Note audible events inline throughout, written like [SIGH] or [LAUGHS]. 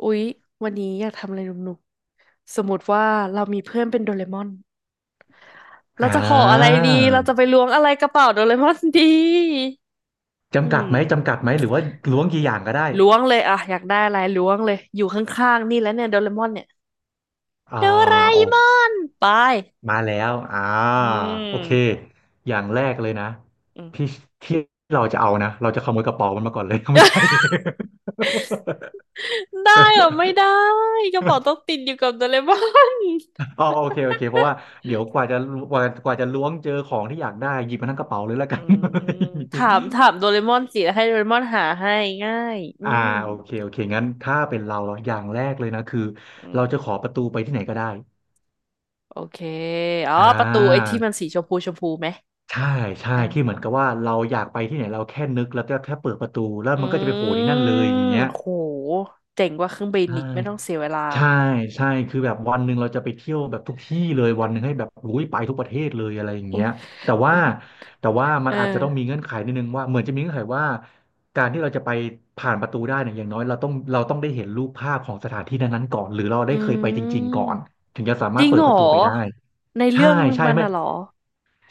อุ๊ยวันนี้อยากทำอะไรหนุกๆสมมติว่าเรามีเพื่อนเป็นโดเรมอนเราอ่จะขออะไราดีเราจะไปล้วงอะไรกระเป๋าโดเรมอน [LAUGHS] ดีอืจำกัดไหมมหรือว่าล้วงกี่อย่างก็ได้ล้วงเลยอะอยากได้อะไรล้วงเลยอยู่ข้างๆนี่แล้วเนี่ยโดเรมอนเนี่ยอ่าโดราโอเอมอนไปมาแล้วอืโอเคมอย่างแรกเลยนะอืม ที่ที่เราจะเอานะเราจะขโมยกระเป๋ามันมาก่อนเลย [LAUGHS] ไม่ใช่ [LAUGHS] ได้เหรอไม่ได้กระเป๋าต้อง [LAUGHS] ติดอยู่กับโดเรมอน อ๋อ[LAUGHS] โอเคเพราะว่าเดี๋ยวกว่าจะล้วงเจอของที่อยากได้หยิบมาทั้งกระเป๋าเลยแล้วกัอืน มถามโดเรมอนสิแล้วให้โดเรมอนหาให้ง่ายอื [LAUGHS] อ่ามโอเคงั้นถ้าเป็นเราอย่างแรกเลยนะคืออืเราจะขม อประตูไปที่ไหนก็ได้โอเคอ๋ออ่ประตูไอ้า ที่มันสีชมพูไหมใช่ใช่อ่าที่สเหอมือนงกับว่าเราอยากไปที่ไหนเราแค่นึกแล้วก็แค่เปิดประตูแล้วอืมันก็จะไปโผล่ที่นั่นเลยอย่างมเงี้ยโหเจ๋งกว่าเครื่องบินใช่อีกไม่ต้องเสียเวลา ใช่ใช่คือแบบวันหนึ่งเราจะไปเที่ยวแบบทุกที่เลยวันหนึ่งให้แบบอุ้ยไปทุกประเทศเลยอะไรอย่างอุ้เงี้ยยแต่ว่ามันมัเอนออาจจะต้องมีเงื่อนไขนิดนึงว่าเหมือนจะมีเงื่อนไขว่าการที่เราจะไปผ่านประตูได้เนี่ยอย่างน้อยเราต้องได้เห็นรูปภาพของสถานที่นั้นๆก่อนหรือเราอืได้เคยไปจริงๆก่อนม ถึงจะสาจมารริถงเปิดเหรปอ ระตูไปได้ในใช่เรื่องใช่มันไหม น่ะเหรอ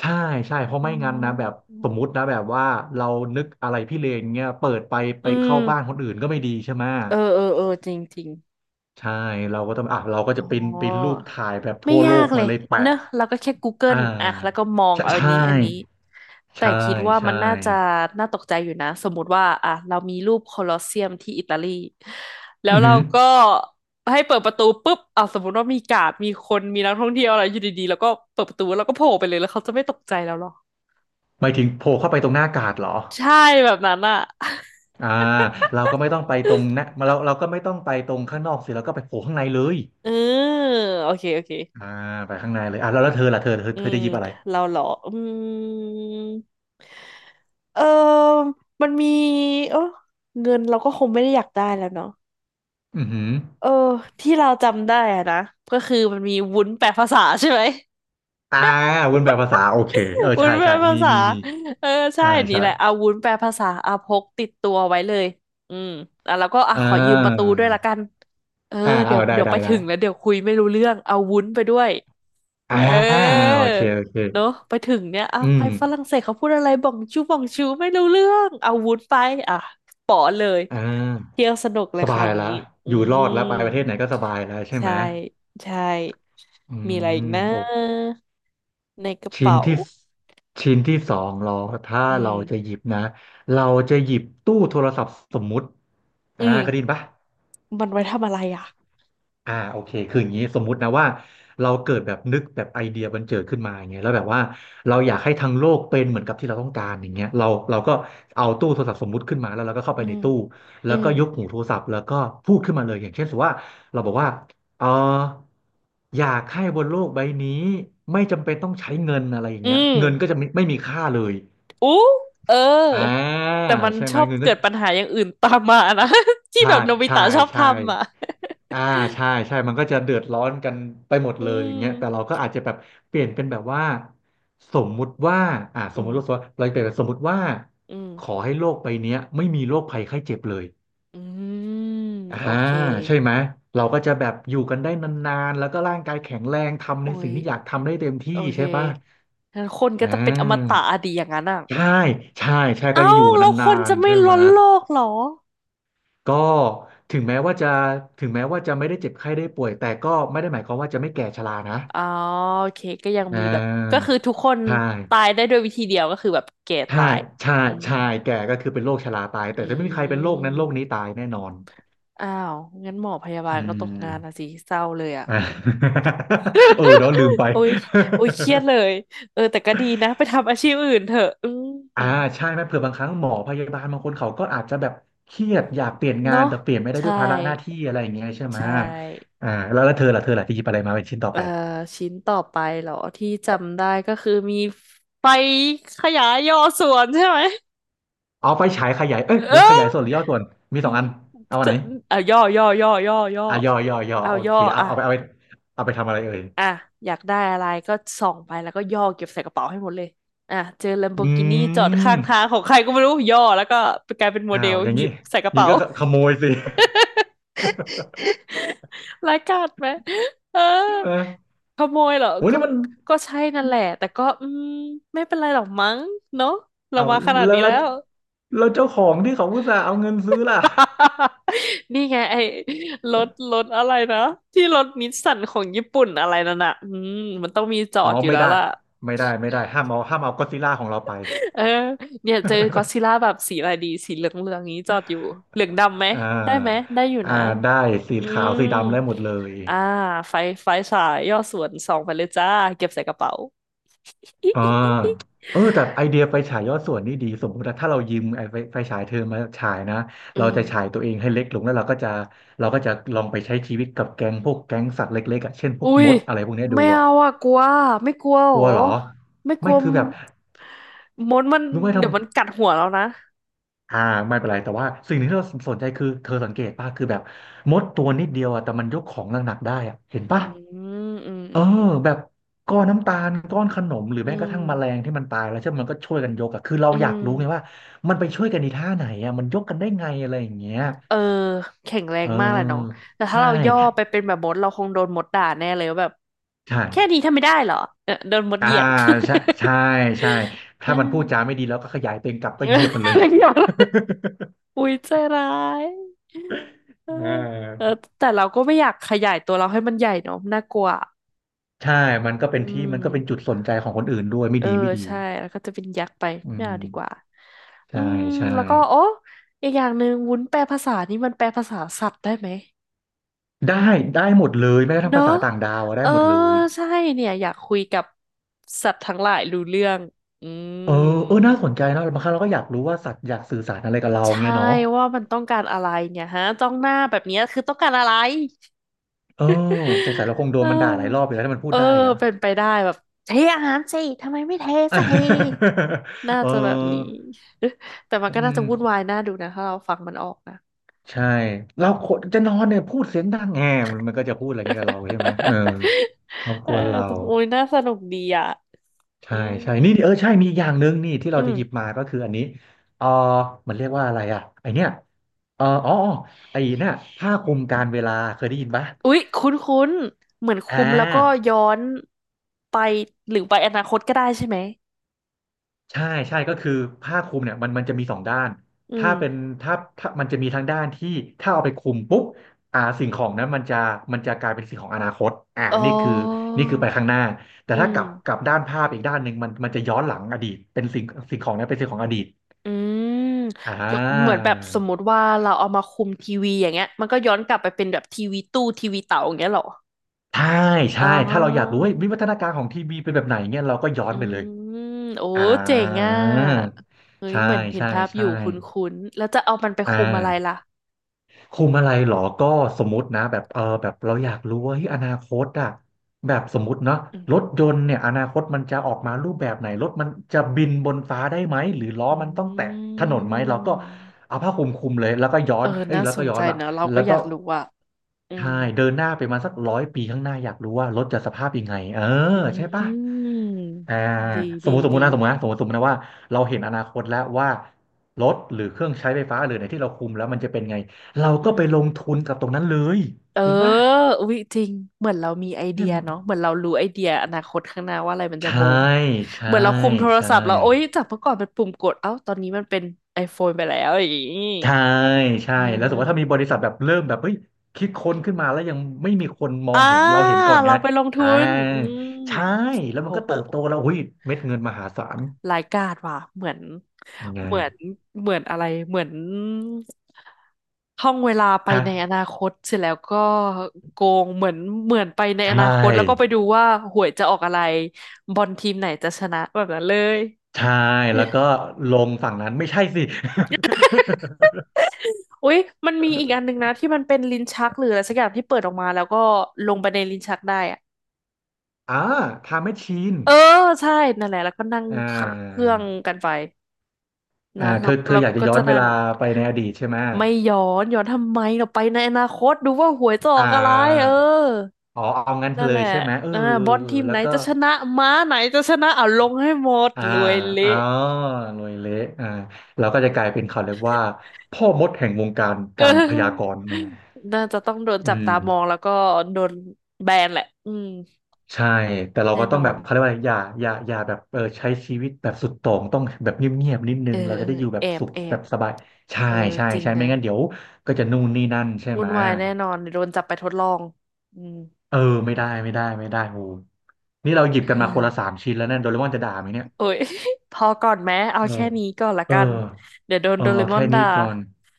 ใช่เพราะอ๋ไม่งั้นนะแบบอสมมุตินะแบบว่าเรานึกอะไรพี่เลนเงี้ยเปิดไปอืเข้ามบ้านคนอื่นก็ไม่ดีใช่ไหมเออจริงจริง ใช่เราก็ต้องอ่ะเราก็จะอ๋อปริ้นรูปถ่ายแบบไม่ทั่วโลยากกเลมายเลยเนแปะอะเราก็แค่ อ่ Google อ่ะแล้วก็ามองใช่เอาอันนี้ใช่แต่ใช่คิดว่าใช่มันน่าจะน่าตกใจอยู่นะสมมุติว่าอ่ะเรามีรูปโคลอสเซียมที่อิตาลีแล้วอือเราหือก็ให้เปิดประตูปุ๊บอ่ะสมมติว่ามีการ์ดมีคนมีนักท่องเที่ยวอะไรอยู่ดีๆแล้วก็เปิดประตูแล้วก็โผล่ไปเลยแล้วเขาจะไม่ตกใจแล้วหรอหมายถึงโผล่เข้าไปตรงหน้ากาดเหรอใช่แบบนั้นอ่ะอ่าเราก็ไม่ต้องไปตรงนะเราก็ไม่ต้องไปตรงข้างนอกสิเราก็ไปโผล่ข้างในเลยเออโอเคโอเค อ่าไปข้างในเลยอ่ะแล้วเธอล่ะอืเธอมจะหยิบอะไรเราเหรออืมเออมันมีเออเงินเราก็คงไม่ได้อยากได้แล้วเนาะอือหือ เออที่เราจำได้อะนะก็คือมันมีวุ้นแปลภาษาใช่ไหม อ่าวนแปลภาษาโอเคเออวุ้นใช่แปลภามีษา มีเออใช่ใช่นี่ใช่แหละเอาวุ้นแปลภาษาเอาพกติดตัวไว้เลยอืมอ่ะแล้วก็อ่ะอ่ขอยืมประตูาด้วยละกัน เออเดี๋ยเอาวไปถึได้งแล้วเดี๋ยวคุยไม่รู้เรื่องเอาวุ้นไปด้วย เออ่าอ โอเคเนอะไปถึงเนี่ยอ่ะอืไปมฝรั่งเศสเขาพูดอะไรบ่องชูไม่รู้เรื่อง เอาวุ้นไปอ่ะป๋อเลย อ่าเที่ยวสนุกเลสยคบารายวนี้ละอือยู่รอดแล้วมไปประเทศไหนก็สบายแล้วใช่ใช่ไหมใช่อืมีอะไรอีกมนะ โอ้ในกระชิ้นเป๋าที่ชิ้นที่สองเราถ้าอืเราม จะหยิบนะเราจะหยิบตู้โทรศัพท์สมมุติอืเคยได้มยินปะ มันไว้ทำอะไรอ่ะโอเคคืออย่างนี้สมมุตินะว่าเราเกิดแบบนึกแบบไอเดียบันเจิดขึ้นมาอย่างเงี้ยแล้วแบบว่าเราอยากให้ทั้งโลกเป็นเหมือนกับที่เราต้องการอย่างเงี้ยเราก็เอาตู้โทรศัพท์สมมุติขึ้นมาแล้วเราก็เข้าอืไปในมตู้อืแล้วมก็ยกหูโทรศัพท์แล้วก็พูดขึ้นมาเลยอย่างเช่นสมมติว่าเราบอกว่าเอออยากให้บนโลกใบนี้ไม่จำเป็นต้องใช้เงินอะไรอย่างอืเงี้ยมเงินก็จะไม่มีค่าเลยอู้เอออ่าแต่มันใช่ชไหมอบเงินก็เกิดปัญหาอย่างอื่นตามมานะ [LAUGHS] ที่ใช่แบบโนบิใช่ตะชอบใช่ ทำอ่ะ อ่าใช่มันก็จะเดือดร้อนกันไปหมด [LAUGHS] อืเลยอย่างมเงี้ยแต่เราก็อาจจะแบบเปลี่ยนเป็นแบบว่าสมมุติว่าอ่าสอืมมุมติว่าเราเปลี่ยนเป็นสมมุติว่าอืขอมให้โลกใบเนี้ยไม่มีโรคภัยไข้เจ็บเลยอืมอ่าโอเคใช่ไหมเราก็จะแบบอยู่กันได้นานๆแล้วก็ร่างกายแข็งแรงทำโอ้ในสิ่ยงที่อยากทำได้เต็มที่โอเคใช่ป่ะงั้นคนอ่ก็จะเป็นอมตะาอะดีอย่างนั้นอ่ะใช่ใช่ใช่ก็เอ้าจะอยู่แล้วคนานนจะๆไม่ใช่ไหมล้นโลกเหรอก็ถึงแม้ว่าจะถึงแม้ว่าจะไม่ได้เจ็บไข้ได้ป่วยแต่ก็ไม่ได้หมายความว่าจะไม่แก่ชรานะ อ๋อโอเคก็ยังอ่มีแบบก็าคือทุกคนใช่ตายได้ด้วยวิธีเดียวก็คือแบบแก่ใช่ตายใช่อืมใช่แก่ก็คือเป็นโรคชราตายแต่อืจะไม่มีใครเป็นโรคนั้นโรคนี้ม ตายแน่นอนอ้าวงั้นหมอพยาบาอืลก็ตกงานนะม สิเศร้าเลยอ่ะ [LAUGHS] อ่า [LAUGHS] เออเนาะลืมไป โอ้ยโอ้ยเครียดเลยเออแต่ก็ดีนะไปทำอาชีพอื่นเถอะอื [LAUGHS] มอ่าใช่ไหมเผื่อบางครั้งหมอพยาบาลบางคนเขาก็อาจจะแบบเครียดอยากเปลี่ยนงานเนาะแต่เปลี่ยนไม่ได้ด้วใช่ยภาระหน้าที่อะไรอย่างเงี้ยใช่ไหมใช่แล้วเธอล่ะที่หยิบอะไรมาเป็นชิ้นต่อเอ่อไปชิ้นต่อไปเหรอที่จำได้ก็คือมีไฟขยายย่อส่วนใช่ไหมเอาไฟฉายขยายเอ้ยเอเดี๋ยวขอยายส่วนหรือย่อส่วนมีสองอันเอาอันจะไหนเอาย่ออ่ะย่อเอาโอย่เคออ่ะ เอาไปเอาไปทำอะไรเอ่ยอ่ะอยากได้อะไรก็ส่องไปแล้วก็ย่อเก็บใส่กระเป๋าให้หมดเลยอ่ะเจอ อื Lamborghini จอดม ข้างทางของใครก็ไม่รู้ย่อแล้วก็กลายเป็นโมอ้าเดวลอย่างหยินี้บใส่กระเป๋า ก็ขโมยสิ [LAUGHS] ร้ายกาจไหมเออ [LAUGHS] ใช่ไหมขโมยเหรอโหนี่มันก็ใช่นั่นแหละแต่ก็อืมไม่เป็นไรหรอกมั้งเนอะเราอ้าวมาขนาดแล้วนี้แล้แล้วว แล้วเจ้าของที่เขาอุตส่าห์เอาเงินซื้อล่ะ [LAUGHS] นี่ไงไอ้รถอะไรนะที่รถนิสสันของญี่ปุ่นอะไรนั่นน่ะอืมมันต้องมีจออ๋อดอยู่ไม่แล้วได้ล่ะ ไม่ได้ห้ามเอาห้ามเอาก็อดซิลล่าของเราไป เออเนี่ยเจอก็อดซิลล่า [LAUGHS] แบบสีอะไรดีสีเหลืองนี้จอดอยู่เหลืองดำไหมอ่ได้ไหมาได้อยู่อ่านะได้สีอืขาวสีมดำได้หมดเลยอ่าไฟไฟฉายย่อส่วนส่องไปเลยจ้าเก็บใส่กระเป๋า [LAUGHS] อิอ่าอิอิอิเออแต่ไอเดียไฟฉายยอดส่วนนี่ดีสมมติว่าถ้าเรายืมไอไฟฉายเธอมาฉายนะอืเรามจะฉายตัวเองให้เล็กลงแล้วเราก็จะลองไปใช้ชีวิตกับแก๊งพวกแก๊งสัตว์เล็กๆอ่ะเช่นพวอุ้กมยดอะไรพวกเนี้ยดูไม่อ่ะ เอาอะกลัวไม่กลัวเหรกอลัวเหรอไม่กลัไม่วคือแบบมดมันรู้ไหมทำเดี๋ยวมันกัดหัวเรานะอ่าไม่เป็นไรแต่ว่าสิ่งหนึ่งที่เราสนใจคือเธอสังเกตป่ะคือแบบมดตัวนิดเดียวอะแต่มันยกของหนักๆได้อะเห็นอืป่ะมอืมเออือมอืมแบบก้อนน้ำตาลก้อนขนมหรืออืแม้กระมทั่งแมลงที่มันตายแล้วใช่ไหมมันก็ช่วยกันยกอะคือเราอือยากม รู้ไงว่ามันไปช่วยกันในท่าไหนอะมันยกกันได้ไงอะไรอย่างเงี้ยเออแข็งแรเงมากแหละน้องออแต่ถ้าใช่เราย่อไปเป็นแบบมดเราคงโดนมดด่าแน่เลยว่าแบบใช่แค่นี้ทำไม่ได้เหรอเออโดนมดเหอ่ายียด ใช่ใช่ใช่ [LAUGHS] เออถ้ามันพูดจาไม่ดีแล้วก็ขยายตัวเองกลับเอก็อเหยียบมันอะเลย ไรอย่างเงี้ย [LAUGHS] อุ้ยใจร้าย [LAUGHS] เอออ่เออา แต่เราก็ไม่อยากขยายตัวเราให้มันใหญ่เนาะน่ากลัวใช่มันก็เป็นอืที่มันก็เป็นจุดมสนใจของคนอื่นด้วยไม่เออดีไม่ดีใช่แล้วก็จะเป็นยักษ์ไปอืไม่เอาดีกว่ามอืใช่มใช่แล้วก็โอ้อีกอย่างหนึ่งวุ้นแปลภาษานี่มันแปลภาษาสัตว์ได้ไหม ได้ได้หมดเลยแม้กระทั่เนงอะ ภาษาต่างดาวอะเอได้อหมดเลย ใช่เนี่ยอยากคุยกับสัตว์ทั้งหลายรู้เรื่องอืเออเออมน่าสนใจนะบางครั้งเราก็อยากรู้ว่าสัตว์อยากสื่อสารอะไรกับเราใช่เงี้ยเนาะว่ามันต้องการอะไรเนี่ยฮะจ้องหน้าแบบเนี้ยคือต้องการอะไรเออสงสัยเราคงโดเนมันด่าหลายรอบไปออแล้วถ้ามันพูเอดอได้อะ เป็นไปได้แบบเทอาหารสิทำไมไม่เทสักทีน่า [LAUGHS] เอจะแบบนี้ อ [LAUGHS] แต่มันอืก็น่าจะวุ่นมวายน่าดูนะถ้าเราฟังมันออกนะ ใช่เราคนจะนอนเนี่ยพูดเสียงดังแงมมันก็จะพูดอะไรอย่างเงี้ยกับเราใช่ไหมเออ [LAUGHS] รบเอกอวนเรา โอ้ยน่าสนุกดีอ่ะอืใช่มใช่นี่เออใช่มีอีกอย่างหนึ่งนี่ที่อืเราจะม หยิบมาก็คืออันนี้เออมันเรียกว่าอะไรอ่ะไอเนี้ยเอออ๋ออ๋อไอเนี่ยผ้าคลุมการเวลาเคยได้ยินปะอุ๊ยคุ้นๆเหมือนอ่คุมแล้วก็าย้อนไปหรือไปอนาคตก็ได้ใช่ไหมใช่ใช่ก็คือผ้าคลุมเนี่ยมันจะมีสองด้านอืถ้าเป็นมถ้ามันจะมีทั้งด้านที่ถ้าเอาไปคลุมปุ๊บสิ่งของนั้นมันจะกลายเป็นสิ่งของอนาคตอ๋อนี่คือนี่คือไปข้างหน้าแต่อืถ้ากมลับกลับด้านภาพอีกด้านหนึ่งมันจะย้อนหลังอดีตเป็นสิ่งสิ่งของนั้นเป็นสิ่งของอดีตอืมอ่า ยกเหมือนแบบสมมติว่าเราเอามาคุมทีวีอย่างเงี้ยมันก็ย้อนกลับไปเป็นแบบทีวีตู้ทีวีเต่าอย่างเงี้ยเหรอใช่อ๋ใช่อถ้าเราอยากรู้ว่าวิวัฒนาการของทีวีเป็นแบบไหนเนี่ยเราก็ย้ออืนไปเลยมโอ้อ่าเจ๋งอ่ะเฮ้ยใช่เหมือนเห็นใช่ภาพอใช่ยู่คุ้นๆแล้วจะเอามันไปอ่า คุมอะไรล่ะคุมอะไรหรอก็สมมตินะแบบเออแบบเราอยากรู้ว่าเฮ้ยอนาคตอะแบบสมมติเนาะอืรถมยนต์เนี่ยอนาคตมันจะออกมารูปแบบไหนรถมันจะบินบนฟ้าได้ไหมหรือล้ออมันต้องแตะืถนนไหมเราก็มเอาผ้าคลุมคลุมเลยแล้วก็ย้อเออนเอ้ยน่าแล้วสก็นย้อใจนว่ะเนอะเราแล้ก็วอก็ยากรู้อ่ะอืใช่ม เดินหน้าไปมาสักร้อยปีข้างหน้าอยากรู้ว่ารถจะสภาพยังไงเอออืใช่ปะ มอ่าดีสมมดีติดีสมมตินะว่าเราเห็นอนาคตแล้วว่ารถหรือเครื่องใช้ไฟฟ้าหรือในที่เราคุมแล้วมันจะเป็นไงเราอืก็มไปลงทุนกับตรงนั้นเลยเออจริงป่ะอุ๊ยจริงเหมือนเรามีไอเดีใช่ยไหมเนาะเหมือนเรารู้ไอเดียอนาคตข้างหน้าว่าอะไรมันจะใช่บูมใช่เหมือนเราคุมโทรใช่ศัพท์เราโอ๊ยจากเมื่อก่อนเป็นปุ่มกดเอ้าตอนนี้มันเป็น iPhone ไปแล้วอย่างงี้ใช่ใช่เแล้วสมมติว่าถ้ามีออบริษัทแบบเริ่มแบบเฮ้ยคิดค้นขึ้นมาแล้วยังไม่มีคนมออ่างเห็นเราเห็นก่อนไงเราไปลงทุอ่านอืมใช่แล้โอ้วมันก็โห เติบโตแล้วหุ้ยเม็ดเงินมหาศาลรายการว่ะเหมือนไงเหมือนเหมือนอะไรเหมือนท่องเวลาไปฮะในอนาคตเสร็จแล้วก็โกงเหมือนเหมือนไปในใชอนาคตแล้วก็ไป่ ดูว่าหวยจะออกอะไรบอลทีมไหนจะชนะแบบนั้นเลยใช่แล้วก็ลงฝั่งนั้นไม่ใช่สิ อุ๊ยมันมีอีกอันหนึ่งนะที่มันเป็นลิ้นชักหรืออะไรสักอย่างที่เปิดออกมาแล้วก็ลงไปในลิ้นชักได้อะ [LAUGHS] อ่าไทม์แมชชีนเออใช่นั่นแหละแล้วก็นั่งอ่เครื่าองกันไป นะเธเราอเธอเราอยากจะก็ย้อจะนเวนั่งลาไปในอดีตใช่ไหมไม่ย้อนทำไมเราไปในอนาคตดูว่าหวยจะออ่อกอะไรเออาอ๋อเอางั้นนั่นเลแหยละใช่ไหมเอออ่าบอลเออทีมแล้ไหนวก็จะชนะม้าไหนจะชนะเอาลงให้หมดอ่ารวยเละ อ๋อรวยเละอ่าเราก็จะกลายเป็นเขาเรียกว่าพ่อมดแห่งวงการการพยาก [LAUGHS] เออรณ์นะน่าจะต้องโดนอืจับตามองม แล้วก็โดนแบนแหละอืมใช่แต่เราแน่ก็ต้นองอแบนบเขาเรียกว่าอะไรอย่าแบบเออใช้ชีวิตแบบสุดโต่งต้องแบบเงียบๆนิดนึเอองเราเอจะอได้อยู่แบแอบบสุขแอแบบบสบายใช่เออใช่จริงใช่นะไม่งั้นเดี๋ยวก็จะนู่นนี่นั่นใช่วุ่ไหมนวายแน่นอนเดี๋ยวโดนจับไปทดลองอืม เออไม่ได้ไม่ได้โอ้นี่เราหยิบกันมาคนละสามชิ้นแล้วเนี่ยโดเรมอนจะด่าไหมเนี่ยโอ้ย [LAUGHS] พอก่อนแม้เอาเออแค่นี้ก่อนละเออกันเดี๋ยวโดนเออโดเรเอามอแค่นนี้ด่าก่อน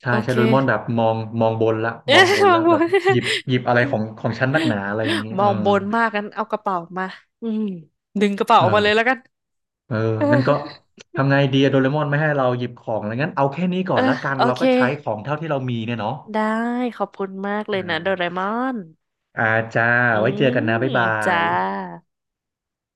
ใช่โอใช่เค โดเร [LAUGHS] มอนแบบมองบนละมองเอ๊ะบมนองละบแบน บ [LAUGHS] หยิบหยิบอะไรของฉันนักหนาอะไรอย่างนี้มเออองบนมากงั้นเอากระเป๋ามาอืมดึงกระเป๋าออกมาเลยแล้วเออ กัน เอองั้นก็ [LAUGHS] ทำไงดีอะโดเรมอนไม่ให้เราหยิบของอะไรงั้นเอาแค่นี้ก่อเออนละกันเออโอเราเคก็ใช้ของเท่าที่เรามีเนี่ยเนาะได้ขอบคุณมากเลอ่ยนะโดเรมาอนอ่าจ้า อืไว้เจอกันนะ มบ๊ายบาจ้าย